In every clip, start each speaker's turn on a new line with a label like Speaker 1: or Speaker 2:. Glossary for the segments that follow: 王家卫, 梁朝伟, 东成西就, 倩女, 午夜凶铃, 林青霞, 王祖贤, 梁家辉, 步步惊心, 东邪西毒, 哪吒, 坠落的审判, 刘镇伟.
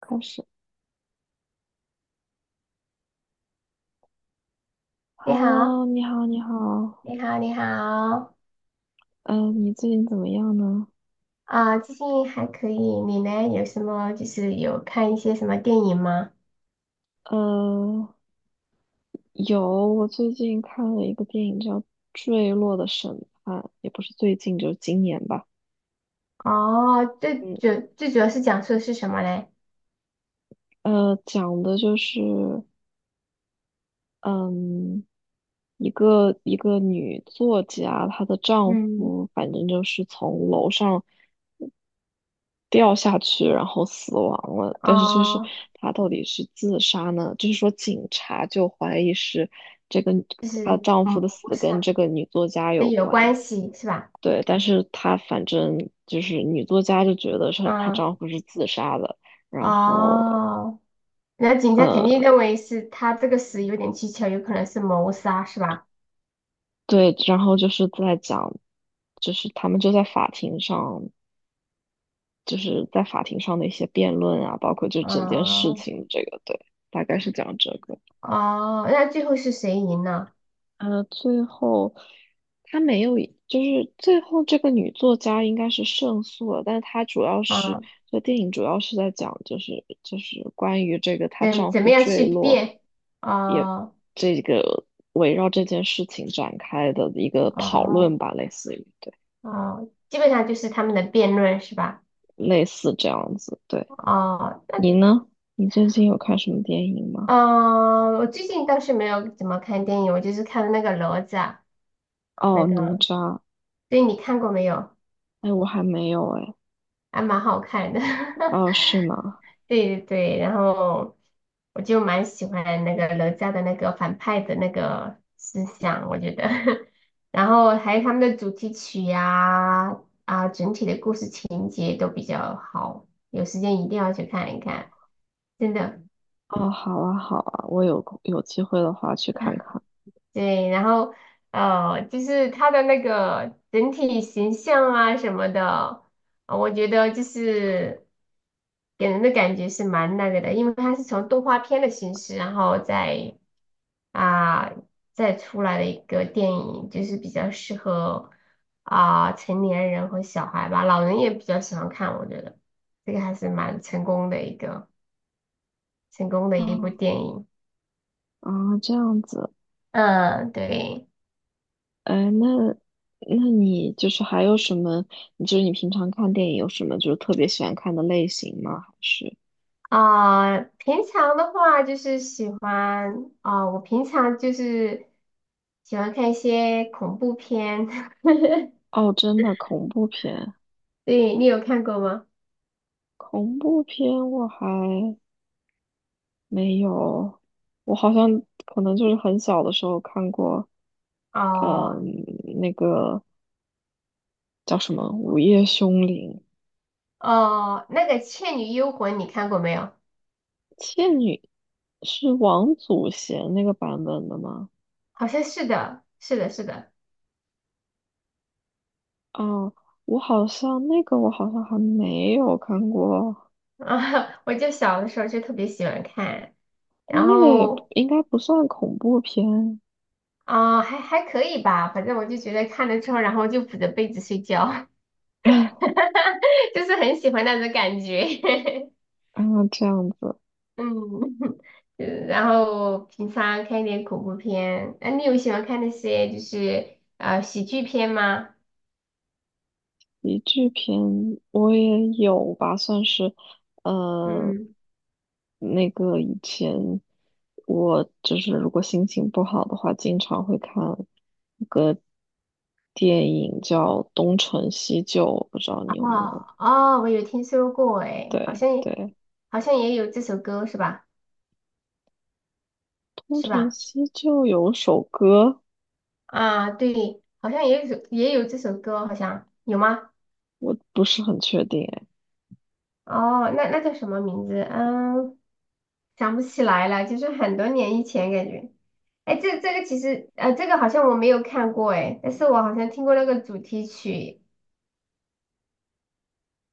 Speaker 1: 开始
Speaker 2: 你好，
Speaker 1: ，Hello，你好，你好，
Speaker 2: 你好，你好
Speaker 1: 嗯，你最近怎么样呢？
Speaker 2: 啊，最近还可以，你呢？有什么就是有看一些什么电影吗？
Speaker 1: 呃，有，我最近看了一个电影叫《坠落的审判》，也不是最近，就是今年吧。
Speaker 2: 哦，最
Speaker 1: 嗯，
Speaker 2: 主最主要是讲述的是什么嘞？
Speaker 1: 讲的就是，嗯，一个女作家，她的丈
Speaker 2: 嗯，
Speaker 1: 夫反正就是从楼上掉下去，然后死亡了。但是就是
Speaker 2: 哦，
Speaker 1: 她到底是自杀呢？就是说警察就怀疑是这个
Speaker 2: 就
Speaker 1: 她
Speaker 2: 是
Speaker 1: 丈夫的
Speaker 2: 不
Speaker 1: 死
Speaker 2: 是
Speaker 1: 跟
Speaker 2: 啊，
Speaker 1: 这个女作家有
Speaker 2: 跟有
Speaker 1: 关。
Speaker 2: 关系是吧？
Speaker 1: 对，但是她反正就是女作家就觉得是她
Speaker 2: 嗯，
Speaker 1: 丈夫是自杀的，然后
Speaker 2: 哦，那警察肯定认
Speaker 1: 呃，
Speaker 2: 为是他这个死有点蹊跷，有可能是谋杀是吧？
Speaker 1: 对，然后就是在讲，就是他们就在法庭上，就是在法庭上的一些辩论啊，包括就整件事
Speaker 2: 哦
Speaker 1: 情这个，对，大概是讲这个。
Speaker 2: 哦，那最后是谁赢了？
Speaker 1: 最后她没有，就是最后这个女作家应该是胜诉了，但是她主要是，
Speaker 2: 啊，
Speaker 1: 这电影主要是在讲，就是关于这个她
Speaker 2: 怎
Speaker 1: 丈
Speaker 2: 怎
Speaker 1: 夫
Speaker 2: 么样
Speaker 1: 坠
Speaker 2: 去
Speaker 1: 落，
Speaker 2: 辩？
Speaker 1: 也
Speaker 2: 哦
Speaker 1: 这个围绕这件事情展开的一个讨论
Speaker 2: 哦。
Speaker 1: 吧，类似于对，
Speaker 2: 哦，基本上就是他们的辩论是吧？
Speaker 1: 类似这样子。对，
Speaker 2: 哦，
Speaker 1: 你呢？你最近有看什么电影吗？
Speaker 2: 嗯、我最近倒是没有怎么看电影，我就是看了那个哪吒，那
Speaker 1: 哦，哪
Speaker 2: 个，
Speaker 1: 吒。
Speaker 2: 对你看过没有？
Speaker 1: 哎，我还没有哎。
Speaker 2: 还蛮好看的，
Speaker 1: 哦，是吗？
Speaker 2: 对对对，然后我就蛮喜欢那个哪吒的那个反派的那个思想，我觉得，然后还有他们的主题曲呀、啊，整体的故事情节都比较好，有时间一定要去看一看，真的。
Speaker 1: 哦，好啊，好啊，我有空有机会的话去看看。
Speaker 2: 对，然后就是他的那个整体形象啊什么的，我觉得就是给人的感觉是蛮那个的，因为他是从动画片的形式，然后啊、再出来的一个电影，就是比较适合成年人和小孩吧，老人也比较喜欢看，我觉得这个还是蛮成功的一部
Speaker 1: 哦，
Speaker 2: 电影。
Speaker 1: 啊，这样子，
Speaker 2: 嗯，对。
Speaker 1: 哎，那你就是还有什么？你就是你平常看电影有什么就是特别喜欢看的类型吗？还是
Speaker 2: 啊、平常的话就是喜欢啊、我平常就是喜欢看一些恐怖片，
Speaker 1: 哦，真的恐怖片？
Speaker 2: 对，你有看过吗？
Speaker 1: 恐怖片我还没有，我好像可能就是很小的时候看过，嗯，
Speaker 2: 哦
Speaker 1: 那个叫什么《午夜凶铃》，
Speaker 2: 哦，那个《倩女幽魂》你看过没有？
Speaker 1: 倩女是王祖贤那个版本的吗？
Speaker 2: 好像是的，是的，是的，
Speaker 1: 哦，我好像还没有看过，
Speaker 2: 啊，我就小的时候就特别喜欢看，
Speaker 1: 但
Speaker 2: 然
Speaker 1: 那个也不
Speaker 2: 后
Speaker 1: 应该不算恐怖片。
Speaker 2: 还可以吧，反正我就觉得看了之后，然后就捂着被子睡觉，就是很喜欢那种感觉。
Speaker 1: 啊，这样子，
Speaker 2: 嗯，嗯然后平常看一点恐怖片。那你有喜欢看那些就是喜剧片吗？
Speaker 1: 喜剧片我也有吧，算是，呃，
Speaker 2: 嗯，
Speaker 1: 那个以前我就是如果心情不好的话，经常会看电影叫《东成西就》，我不知道你有没有？
Speaker 2: 哦哦，我有听说过诶，好
Speaker 1: 对
Speaker 2: 像也
Speaker 1: 对，
Speaker 2: 好像也有这首歌是吧？
Speaker 1: 《东
Speaker 2: 是
Speaker 1: 成
Speaker 2: 吧？
Speaker 1: 西就》有首歌，
Speaker 2: 啊，对，好像也有这首歌，好像有吗？
Speaker 1: 我不是很确定哎。
Speaker 2: 哦，那叫什么名字？嗯，想不起来了，就是很多年以前感觉。哎，这个其实这个好像我没有看过诶，但是我好像听过那个主题曲。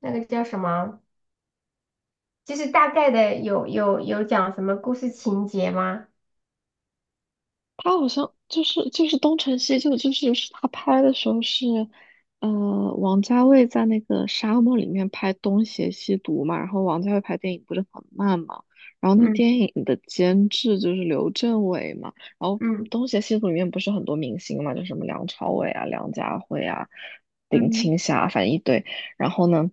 Speaker 2: 那个叫什么？就是大概的有讲什么故事情节吗？
Speaker 1: 他好像就是《东成西就》，就是是他拍的时候是，呃，王家卫在那个沙漠里面拍《东邪西毒》嘛，然后王家卫拍电影不是很慢嘛，然后那
Speaker 2: 嗯
Speaker 1: 电影的监制就是刘镇伟嘛，然后
Speaker 2: 嗯
Speaker 1: 《东邪西毒》里面不是很多明星嘛，就什么梁朝伟啊、梁家辉啊、林
Speaker 2: 嗯，
Speaker 1: 青霞，反正一堆，然后呢，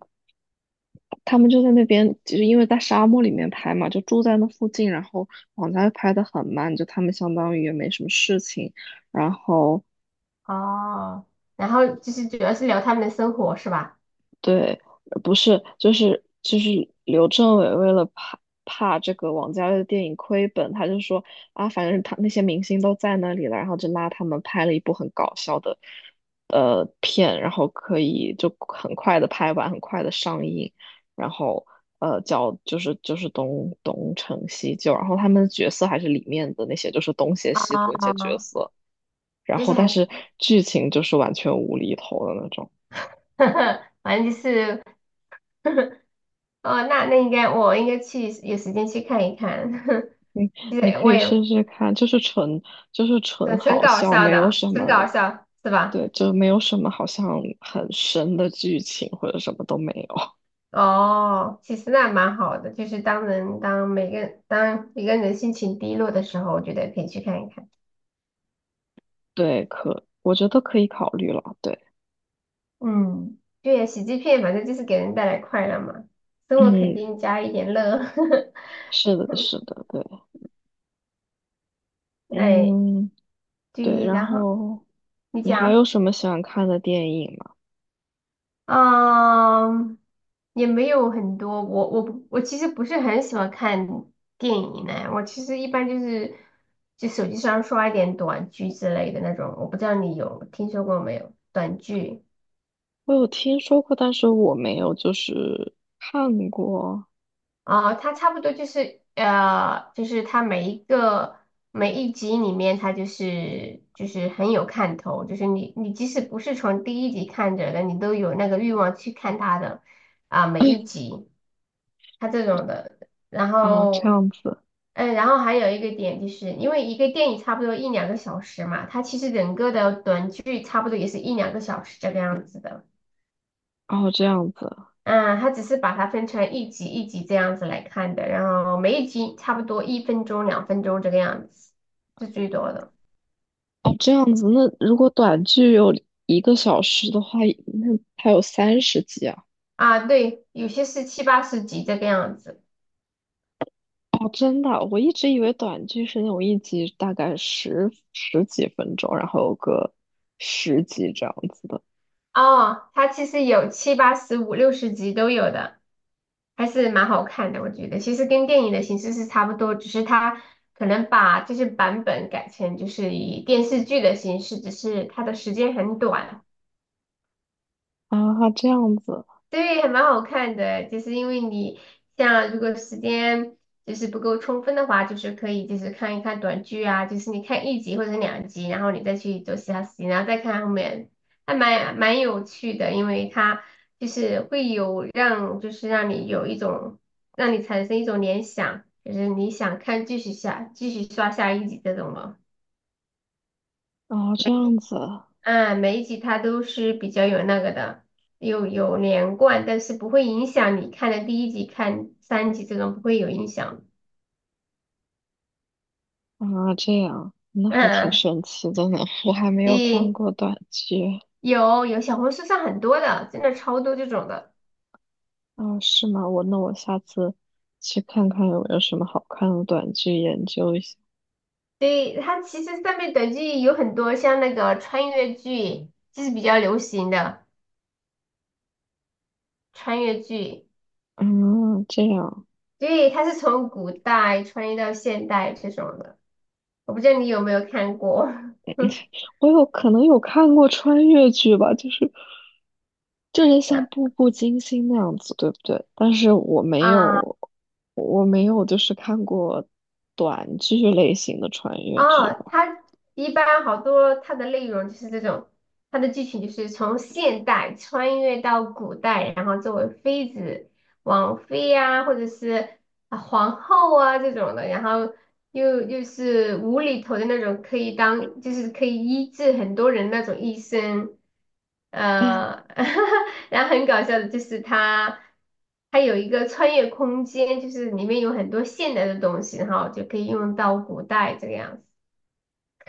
Speaker 1: 他们就在那边，其实因为在沙漠里面拍嘛，就住在那附近，然后网家拍的很慢，就他们相当于也没什么事情，然后
Speaker 2: 哦，然后就是主要是聊他们的生活是吧？
Speaker 1: 对，不是，就是刘镇伟为了怕这个王家卫的电影亏本，他就说啊，反正他那些明星都在那里了，然后就拉他们拍了一部很搞笑的片，然后可以就很快的拍完，很快的上映，然后叫就是东成西就，然后他们的角色还是里面的那些就是东邪西毒那些角
Speaker 2: 哦，
Speaker 1: 色，然
Speaker 2: 就
Speaker 1: 后
Speaker 2: 是还
Speaker 1: 但
Speaker 2: 是，
Speaker 1: 是剧情就是完全无厘头的那种。
Speaker 2: 反正就是，哦，那我应该去有时间去看一看，就
Speaker 1: 你
Speaker 2: 是
Speaker 1: 可
Speaker 2: 我
Speaker 1: 以
Speaker 2: 也
Speaker 1: 试试看，就是纯
Speaker 2: 很
Speaker 1: 好
Speaker 2: 搞
Speaker 1: 笑，
Speaker 2: 笑
Speaker 1: 没有
Speaker 2: 的，
Speaker 1: 什
Speaker 2: 很搞
Speaker 1: 么，
Speaker 2: 笑是吧？
Speaker 1: 对，就没有什么好像很深的剧情或者什么都没有。
Speaker 2: 哦，其实那蛮好的，就是当人当每个当一个人心情低落的时候，我觉得可以去看一看。
Speaker 1: 对，可我觉得可以考虑了。对，
Speaker 2: 嗯，对呀，喜剧片反正就是给人带来快乐嘛，生活肯
Speaker 1: 嗯，
Speaker 2: 定加一点乐。
Speaker 1: 是的，是的，对，
Speaker 2: 哎，
Speaker 1: 嗯，对。
Speaker 2: 对，
Speaker 1: 然
Speaker 2: 然后
Speaker 1: 后
Speaker 2: 你
Speaker 1: 你还有
Speaker 2: 讲，
Speaker 1: 什么喜欢看的电影吗？
Speaker 2: 嗯，也没有很多，我其实不是很喜欢看电影呢，我其实一般就手机上刷一点短剧之类的那种，我不知道你有听说过没有，短剧。
Speaker 1: 我有听说过，但是我没有就是看过
Speaker 2: 啊，它差不多就是就是它每一集里面，它就是很有看头，就是你即使不是从第一集看着的，你都有那个欲望去看它的每一 集，它这种的。然
Speaker 1: 啊，这
Speaker 2: 后，
Speaker 1: 样子，
Speaker 2: 然后还有一个点就是，因为一个电影差不多一两个小时嘛，它其实整个的短剧差不多也是一两个小时这个样子的。
Speaker 1: 哦，这样子。
Speaker 2: 嗯，它只是把它分成一集一集这样子来看的，然后每一集差不多一分钟、两分钟这个样子，是最多的
Speaker 1: 哦，这样子，那如果短剧有一个小时的话，那还有三十集啊？
Speaker 2: 啊。对，有些是七八十集这个样子。
Speaker 1: 哦，真的，我一直以为短剧是那种一集大概十几分钟，然后有个十集这样子的
Speaker 2: 哦，它其实有七八十、五六十集都有的，还是蛮好看的，我觉得。其实跟电影的形式是差不多，只是它可能把这些版本改成就是以电视剧的形式，只是它的时间很短。
Speaker 1: 啊，这样子
Speaker 2: 对，还蛮好看的，就是因为你像如果时间就是不够充分的话，就是可以就是看一看短剧啊，就是你看一集或者两集，然后你再去做其他事情，然后再看后面，还蛮有趣的，因为它就是会有让就是让你有一种让你产生一种联想，就是你想看继续刷下一集这种了。
Speaker 1: 啊，这样子
Speaker 2: 嗯，每一集它都是比较有那个的，有连贯，但是不会影响你看的第一集、看三集这种不会有影响。
Speaker 1: 啊，这样，那还挺
Speaker 2: 嗯，
Speaker 1: 神奇的呢。我还没有看
Speaker 2: 对，
Speaker 1: 过短剧
Speaker 2: 有小红书上很多的，真的超多这种的。
Speaker 1: 啊，是吗？我那下次去看看有没有什么好看的短剧，研究一下。
Speaker 2: 对，它其实上面短剧有很多，像那个穿越剧，就是比较流行的穿越剧。
Speaker 1: 嗯，这样。
Speaker 2: 对，它是从古代穿越到现代这种的，我不知道你有没有看过。
Speaker 1: 我有可能有看过穿越剧吧，就是就是像《步步惊心》那样子，对不对？但是我没
Speaker 2: 啊
Speaker 1: 有，我没有就是看过短剧类型的穿越剧
Speaker 2: 哦，
Speaker 1: 吧。
Speaker 2: 它一般好多它的内容就是这种，它的剧情就是从现代穿越到古代，然后作为妃子、王妃呀、或者是皇后啊这种的，然后又是无厘头的那种，可以当就是可以医治很多人那种医生，呃，然后很搞笑的就是它。它有一个穿越空间，就是里面有很多现代的东西，然后就可以用到古代这个样子。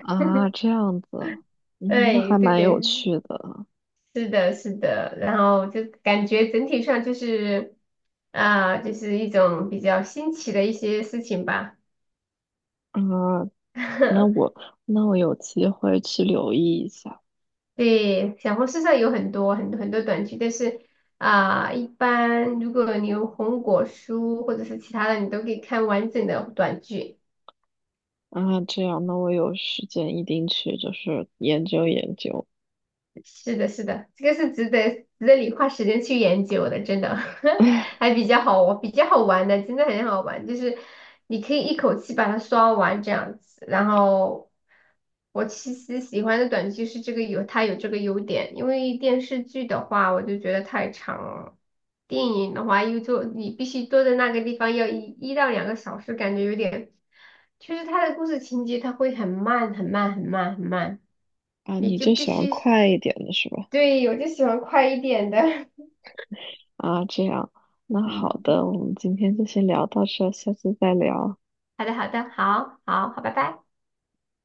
Speaker 1: 啊，这 样子啊，嗯，那
Speaker 2: 对
Speaker 1: 还
Speaker 2: 对
Speaker 1: 蛮有
Speaker 2: 对，
Speaker 1: 趣的啊。
Speaker 2: 是的，是的，然后就感觉整体上就是一种比较新奇的一些事情吧。
Speaker 1: 那我 那我有机会去留意一下
Speaker 2: 对，小红书上有很多很多很多短剧，但是一般如果你有红果书或者是其他的，你都可以看完整的短剧。
Speaker 1: 啊。这样，那我有时间一定去，就是研究研究。
Speaker 2: 是的，是的，这个是值得你花时间去研究的，真的
Speaker 1: 哎，
Speaker 2: 还比较好玩，比较好玩的，真的很好玩。就是你可以一口气把它刷完这样子。然后我其实喜欢的短剧有这个优点，因为电视剧的话我就觉得太长了，电影的话你必须坐在那个地方要一到两个小时，感觉有点，就是它的故事情节它会很慢很慢很慢很慢，
Speaker 1: 啊，
Speaker 2: 你
Speaker 1: 你
Speaker 2: 就
Speaker 1: 就
Speaker 2: 必
Speaker 1: 喜欢
Speaker 2: 须。
Speaker 1: 快一点的是吧？
Speaker 2: 对，我就喜欢快一点的。
Speaker 1: 啊，这样，那好
Speaker 2: 嗯，
Speaker 1: 的，我们今天就先聊到这儿下次再聊。
Speaker 2: 好的，好的，好，好，好，拜拜。